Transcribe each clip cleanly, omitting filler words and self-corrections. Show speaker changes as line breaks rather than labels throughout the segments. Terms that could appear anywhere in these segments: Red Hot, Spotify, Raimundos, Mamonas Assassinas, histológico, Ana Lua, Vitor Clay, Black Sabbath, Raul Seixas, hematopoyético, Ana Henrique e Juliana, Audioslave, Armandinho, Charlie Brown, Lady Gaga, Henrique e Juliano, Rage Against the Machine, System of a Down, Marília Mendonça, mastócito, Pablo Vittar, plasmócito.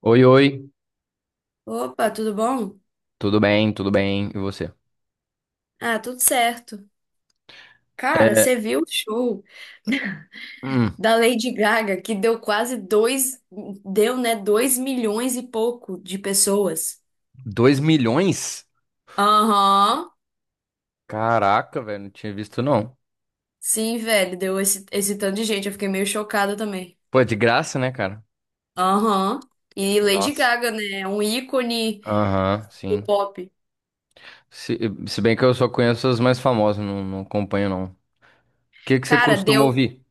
Oi, oi,
Opa, tudo bom?
tudo bem, e você?
Ah, tudo certo. Cara,
É,
você viu o show
hum,
da Lady Gaga que deu quase deu, né, 2 milhões e pouco de pessoas?
2 milhões?
Aham.
Caraca, velho, não tinha visto não.
Sim, velho, deu esse tanto de gente. Eu fiquei meio chocada também.
Pô, é de graça, né, cara?
Aham. E Lady
Nossa.
Gaga, né? É um ícone
Aham,
do
sim.
pop.
Se, se bem que eu só conheço as mais famosas, não acompanho não. O que que você
Cara,
costuma
deu,
ouvir?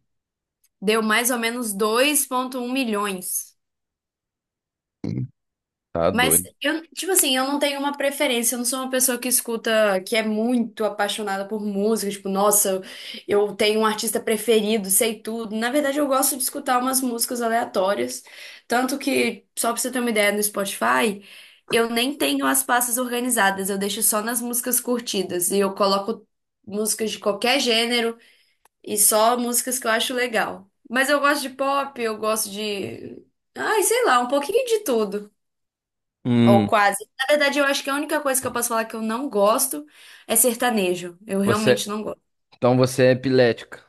deu mais ou menos 2,1 milhões.
Tá
Mas
doido.
eu, tipo assim, eu não tenho uma preferência, eu não sou uma pessoa que escuta, que é muito apaixonada por música, tipo, nossa, eu tenho um artista preferido, sei tudo. Na verdade, eu gosto de escutar umas músicas aleatórias, tanto que, só pra você ter uma ideia, no Spotify, eu nem tenho as pastas organizadas, eu deixo só nas músicas curtidas e eu coloco músicas de qualquer gênero e só músicas que eu acho legal. Mas eu gosto de pop, eu gosto de, ai, sei lá, um pouquinho de tudo. Ou
Hum,
quase. Na verdade, eu acho que a única coisa que eu posso falar que eu não gosto é sertanejo. Eu
você,
realmente não gosto.
então você é epilética.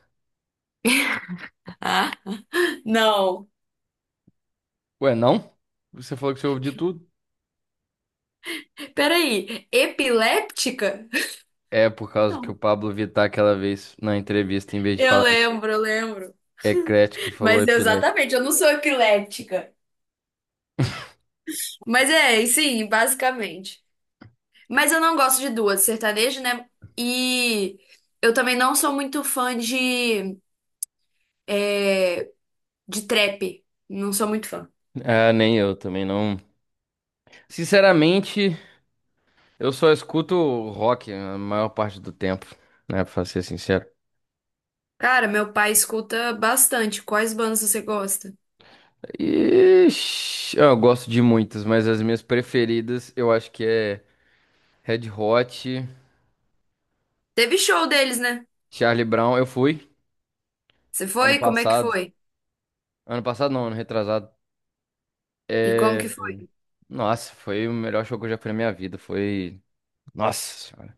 Ah, não.
Ué, não? Você falou que você ouve de tudo.
Peraí, epiléptica?
É por causa que o
Não.
Pablo Vittar aquela vez na entrevista, em vez de
Eu
falar
lembro, eu lembro.
eclético, falou
Mas
epilético.
exatamente, eu não sou epiléptica. Mas é, e sim, basicamente. Mas eu não gosto de duas, sertanejo, né? E eu também não sou muito fã é, de trap. Não sou muito fã.
Ah, nem eu também não. Sinceramente, eu só escuto rock a maior parte do tempo, né? Pra ser sincero.
Cara, meu pai escuta bastante. Quais bandas você gosta?
Ixi, eu gosto de muitas, mas as minhas preferidas eu acho que é Red Hot,
Teve show deles, né?
Charlie Brown. Eu fui
Você
ano
foi? Como é que
passado.
foi?
Ano passado não, ano retrasado.
E como que
É...
foi?
Nossa, foi o melhor show que eu já fui na minha vida. Foi. Nossa senhora.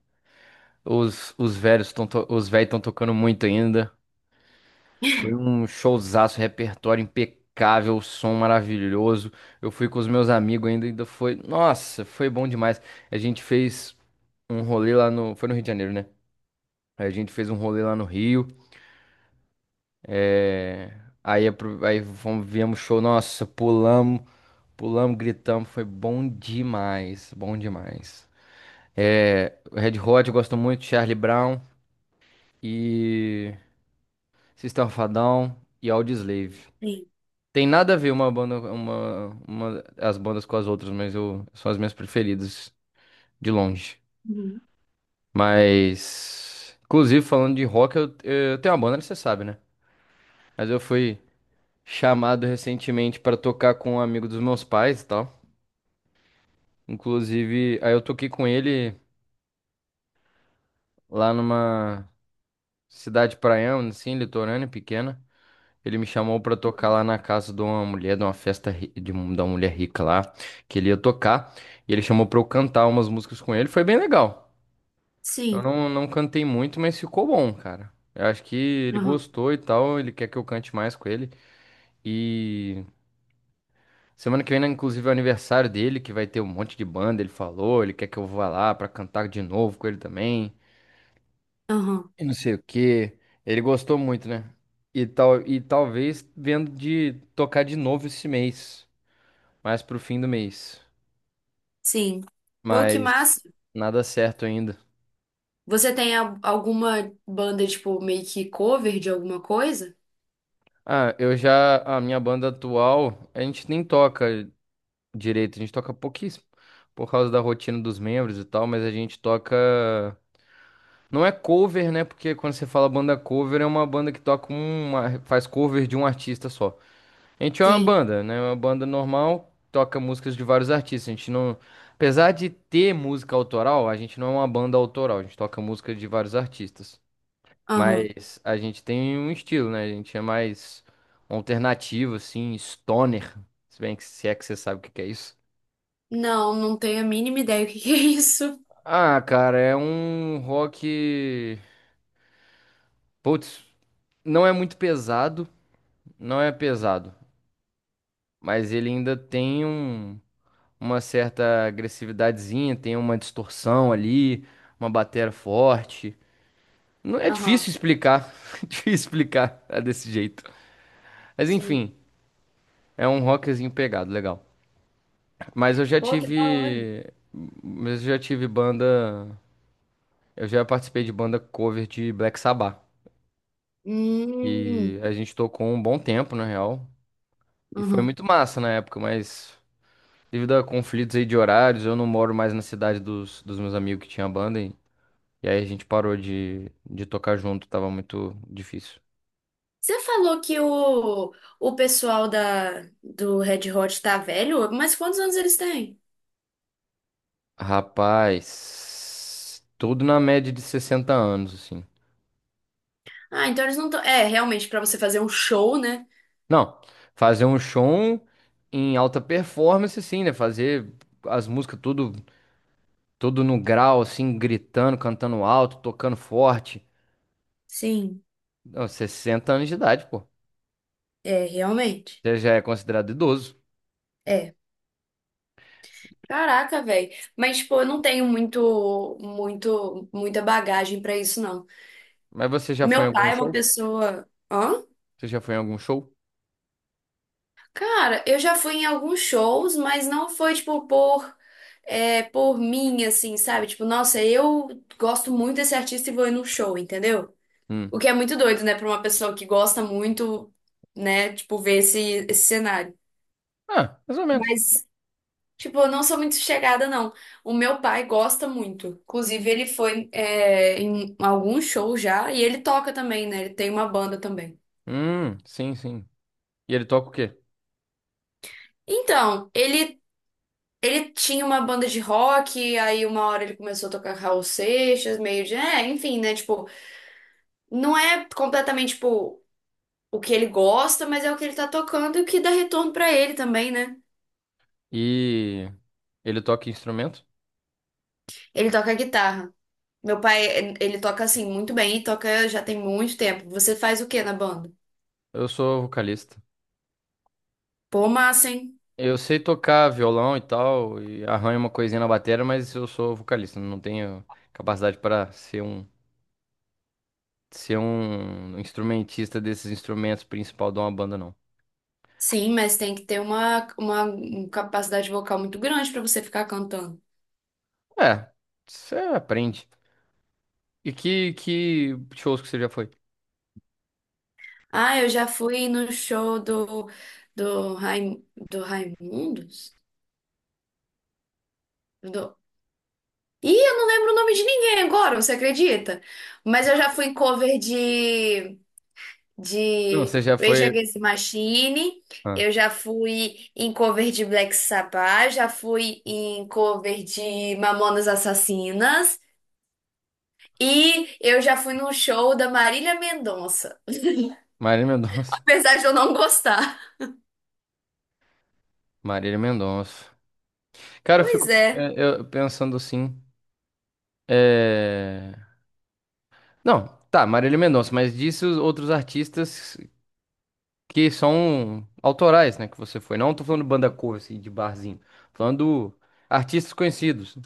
Os velhos estão tocando muito ainda. Foi um showzaço, repertório impecável, som maravilhoso. Eu fui com os meus amigos ainda, ainda foi. Nossa, foi bom demais. A gente fez um rolê lá no. Foi no Rio de Janeiro, né? Aí a gente fez um rolê lá no Rio. é, aí fomos, viemos show, nossa, pulamos, pulamos, gritamos. Foi bom demais, bom demais. Red Hot, eu gosto muito, Charlie Brown e System of a Down e Audioslave. Tem nada a ver uma banda, as bandas com as outras, mas eu, são as minhas preferidas, de longe. Mas, inclusive, falando de rock, eu tenho uma banda, você sabe, né? Mas eu fui chamado recentemente pra tocar com um amigo dos meus pais e tal. Inclusive, aí eu toquei com ele lá numa cidade praiana, assim, litorânea, pequena. Ele me chamou pra tocar lá na casa de uma mulher, de uma festa ri- de um- da mulher rica lá, que ele ia tocar. E ele chamou pra eu cantar umas músicas com ele. Foi bem legal. Eu
Sim.
não, não cantei muito, mas ficou bom, cara. Eu acho que ele
Aham.
gostou e tal. Ele quer que eu cante mais com ele. E semana que vem, né, inclusive, é o aniversário dele, que vai ter um monte de banda. Ele falou, ele quer que eu vá lá pra cantar de novo com ele também.
Aham.
E não sei o quê. Ele gostou muito, né? E, tal, e talvez vendo de tocar de novo esse mês, mais pro fim do mês.
Sim. Pô, que
Mas
massa.
nada certo ainda.
Você tem alguma banda, tipo, meio que cover de alguma coisa?
Ah, eu já. A minha banda atual, a gente nem toca direito, a gente toca pouquíssimo. Por causa da rotina dos membros e tal, mas a gente toca. Não é cover, né? Porque quando você fala banda cover, é uma banda que toca um, uma. Faz cover de um artista só. A gente é uma
Sim.
banda, né? É uma banda normal, toca músicas de vários artistas. A gente não. Apesar de ter música autoral, a gente não é uma banda autoral, a gente toca música de vários artistas.
Aham.
Mas a gente tem um estilo, né? A gente é mais alternativo, assim, stoner. Se é que você sabe o que que é isso.
Não, não tenho a mínima ideia o que que é isso.
Ah, cara, é um rock. Putz, não é muito pesado, não é pesado, mas ele ainda tem um- uma certa agressividadezinha, tem uma distorção ali, uma bateria forte. Não é difícil
Aham.
explicar, difícil explicar é desse jeito. Mas
Sim.
enfim, é um rockzinho pegado, legal. Mas eu já
Pô, que da hora.
tive. Mas eu já tive banda. Eu já participei de banda cover de Black Sabbath. E
Hum.
a gente tocou um bom tempo, na real. E foi
Aham.
muito massa na época, mas devido a conflitos aí de horários, eu não moro mais na cidade dos meus amigos que tinha banda. E aí a gente parou de tocar junto, tava muito difícil.
Você falou que o pessoal da, do Red Hot tá velho, mas quantos anos eles têm?
Rapaz, tudo na média de 60 anos, assim.
Ah, então eles não estão. É, realmente, pra você fazer um show, né?
Não, fazer um show em alta performance, sim, né? Fazer as músicas tudo, tudo no grau, assim, gritando, cantando alto, tocando forte.
Sim,
Não, 60 anos de idade, pô.
é, realmente.
Você já é considerado idoso.
É. Caraca, velho. Mas, tipo, eu não tenho muito, muito, muita bagagem pra isso, não.
Mas você já foi em
Meu
algum
pai é uma
show?
pessoa. Hã?
Você já foi em algum show?
Cara, eu já fui em alguns shows, mas não foi, tipo, por mim, assim, sabe? Tipo, nossa, eu gosto muito desse artista e vou ir num show, entendeu?
Hum.
O que é muito doido, né, pra uma pessoa que gosta muito, né, tipo, ver esse cenário.
Ah, mais ou menos.
Mas tipo, eu não sou muito chegada, não. O meu pai gosta muito. Inclusive, ele foi, em algum show já e ele toca também, né? Ele tem uma banda também.
Sim, sim. E ele toca o quê?
Então, ele tinha uma banda de rock, aí uma hora ele começou a tocar Raul Seixas, meio de. É, enfim, né? Tipo, não é completamente, tipo, o que ele gosta, mas é o que ele tá tocando e o que dá retorno pra ele também, né?
E ele toca que instrumento?
Ele toca guitarra. Meu pai, ele toca assim muito bem e toca já tem muito tempo. Você faz o quê na banda?
Eu sou vocalista.
Pô, massa, hein?
Eu sei tocar violão e tal, e arranho uma coisinha na bateria, mas eu sou vocalista, não tenho capacidade para ser um instrumentista desses instrumentos principal de uma banda, não.
Sim, mas tem que ter uma capacidade vocal muito grande para você ficar cantando.
É, você aprende. E que shows que você já foi?
Ah, eu já fui no show do Raimundos? Do... Ih, eu não lembro o nome de ninguém agora, você acredita? Mas eu já fui em cover de,
Não, você
de
já
Rage
foi.
Against the Machine,
Ah,
eu já fui em cover de Black Sabbath, já fui em cover de Mamonas Assassinas e eu já fui no show da Marília Mendonça.
Marília Mendonça.
Apesar de eu não gostar.
Marília Mendonça. Cara,
Pois é.
eu pensando assim. É... Não, tá, Marília Mendonça, mas disse os outros artistas que são autorais, né? Que você foi. Não tô falando banda cover, assim, de barzinho. Falando artistas conhecidos,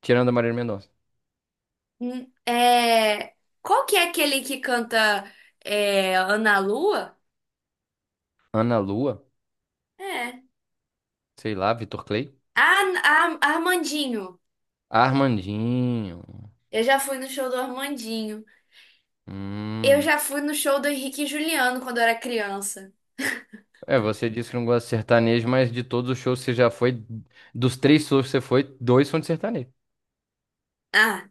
tirando a Marília Mendonça.
Hum. É... Qual que é aquele que canta Ana Lua?
Ana Lua,
É.
sei lá, Vitor Clay.
Ah, Armandinho.
Armandinho.
Eu já fui no show do Armandinho. Eu
Hum.
já fui no show do Henrique e Juliano quando eu era criança.
É, você disse que não gosta de sertanejo, mas de todos os shows que você já foi, dos três shows que você foi, dois são de sertanejo.
Ah,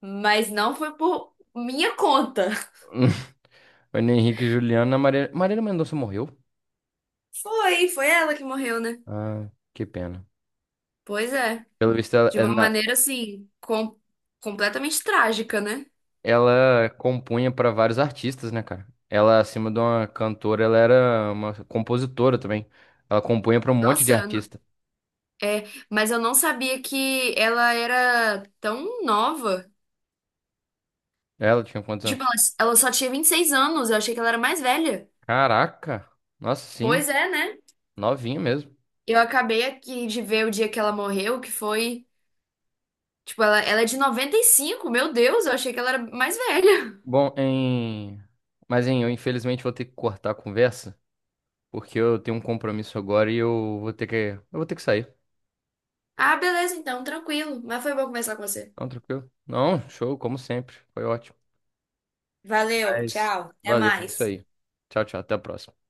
mas não foi por minha conta.
Ana Henrique e Juliana, Marília... Marília Mendonça morreu?
Foi, foi ela que morreu, né?
Ah, que pena.
Pois é.
Pelo visto,
De uma
ela,
maneira assim, com... completamente trágica, né?
ela compunha pra vários artistas, né, cara? Ela, acima de uma cantora, ela era uma compositora também. Ela compunha pra um monte de
Nossa,
artista.
é, mas eu não sabia que ela era tão nova.
Ela tinha quantos
Tipo,
anos?
ela, só tinha 26 anos, eu achei que ela era mais velha.
Caraca! Nossa, sim,
Pois é, né?
novinha mesmo.
Eu acabei aqui de ver o dia que ela morreu, que foi. Tipo, ela é de 95. Meu Deus, eu achei que ela era mais velha.
Bom, em... Mas, hein, eu infelizmente vou ter que cortar a conversa, porque eu tenho um compromisso agora e eu vou ter que... Eu vou ter que sair.
Ah, beleza, então, tranquilo. Mas foi bom conversar com você.
Não, tranquilo? Não, show, como sempre. Foi ótimo.
Valeu,
Mas,
tchau. Até
valeu, é isso
mais.
aí. Tchau, tchau, até a próxima.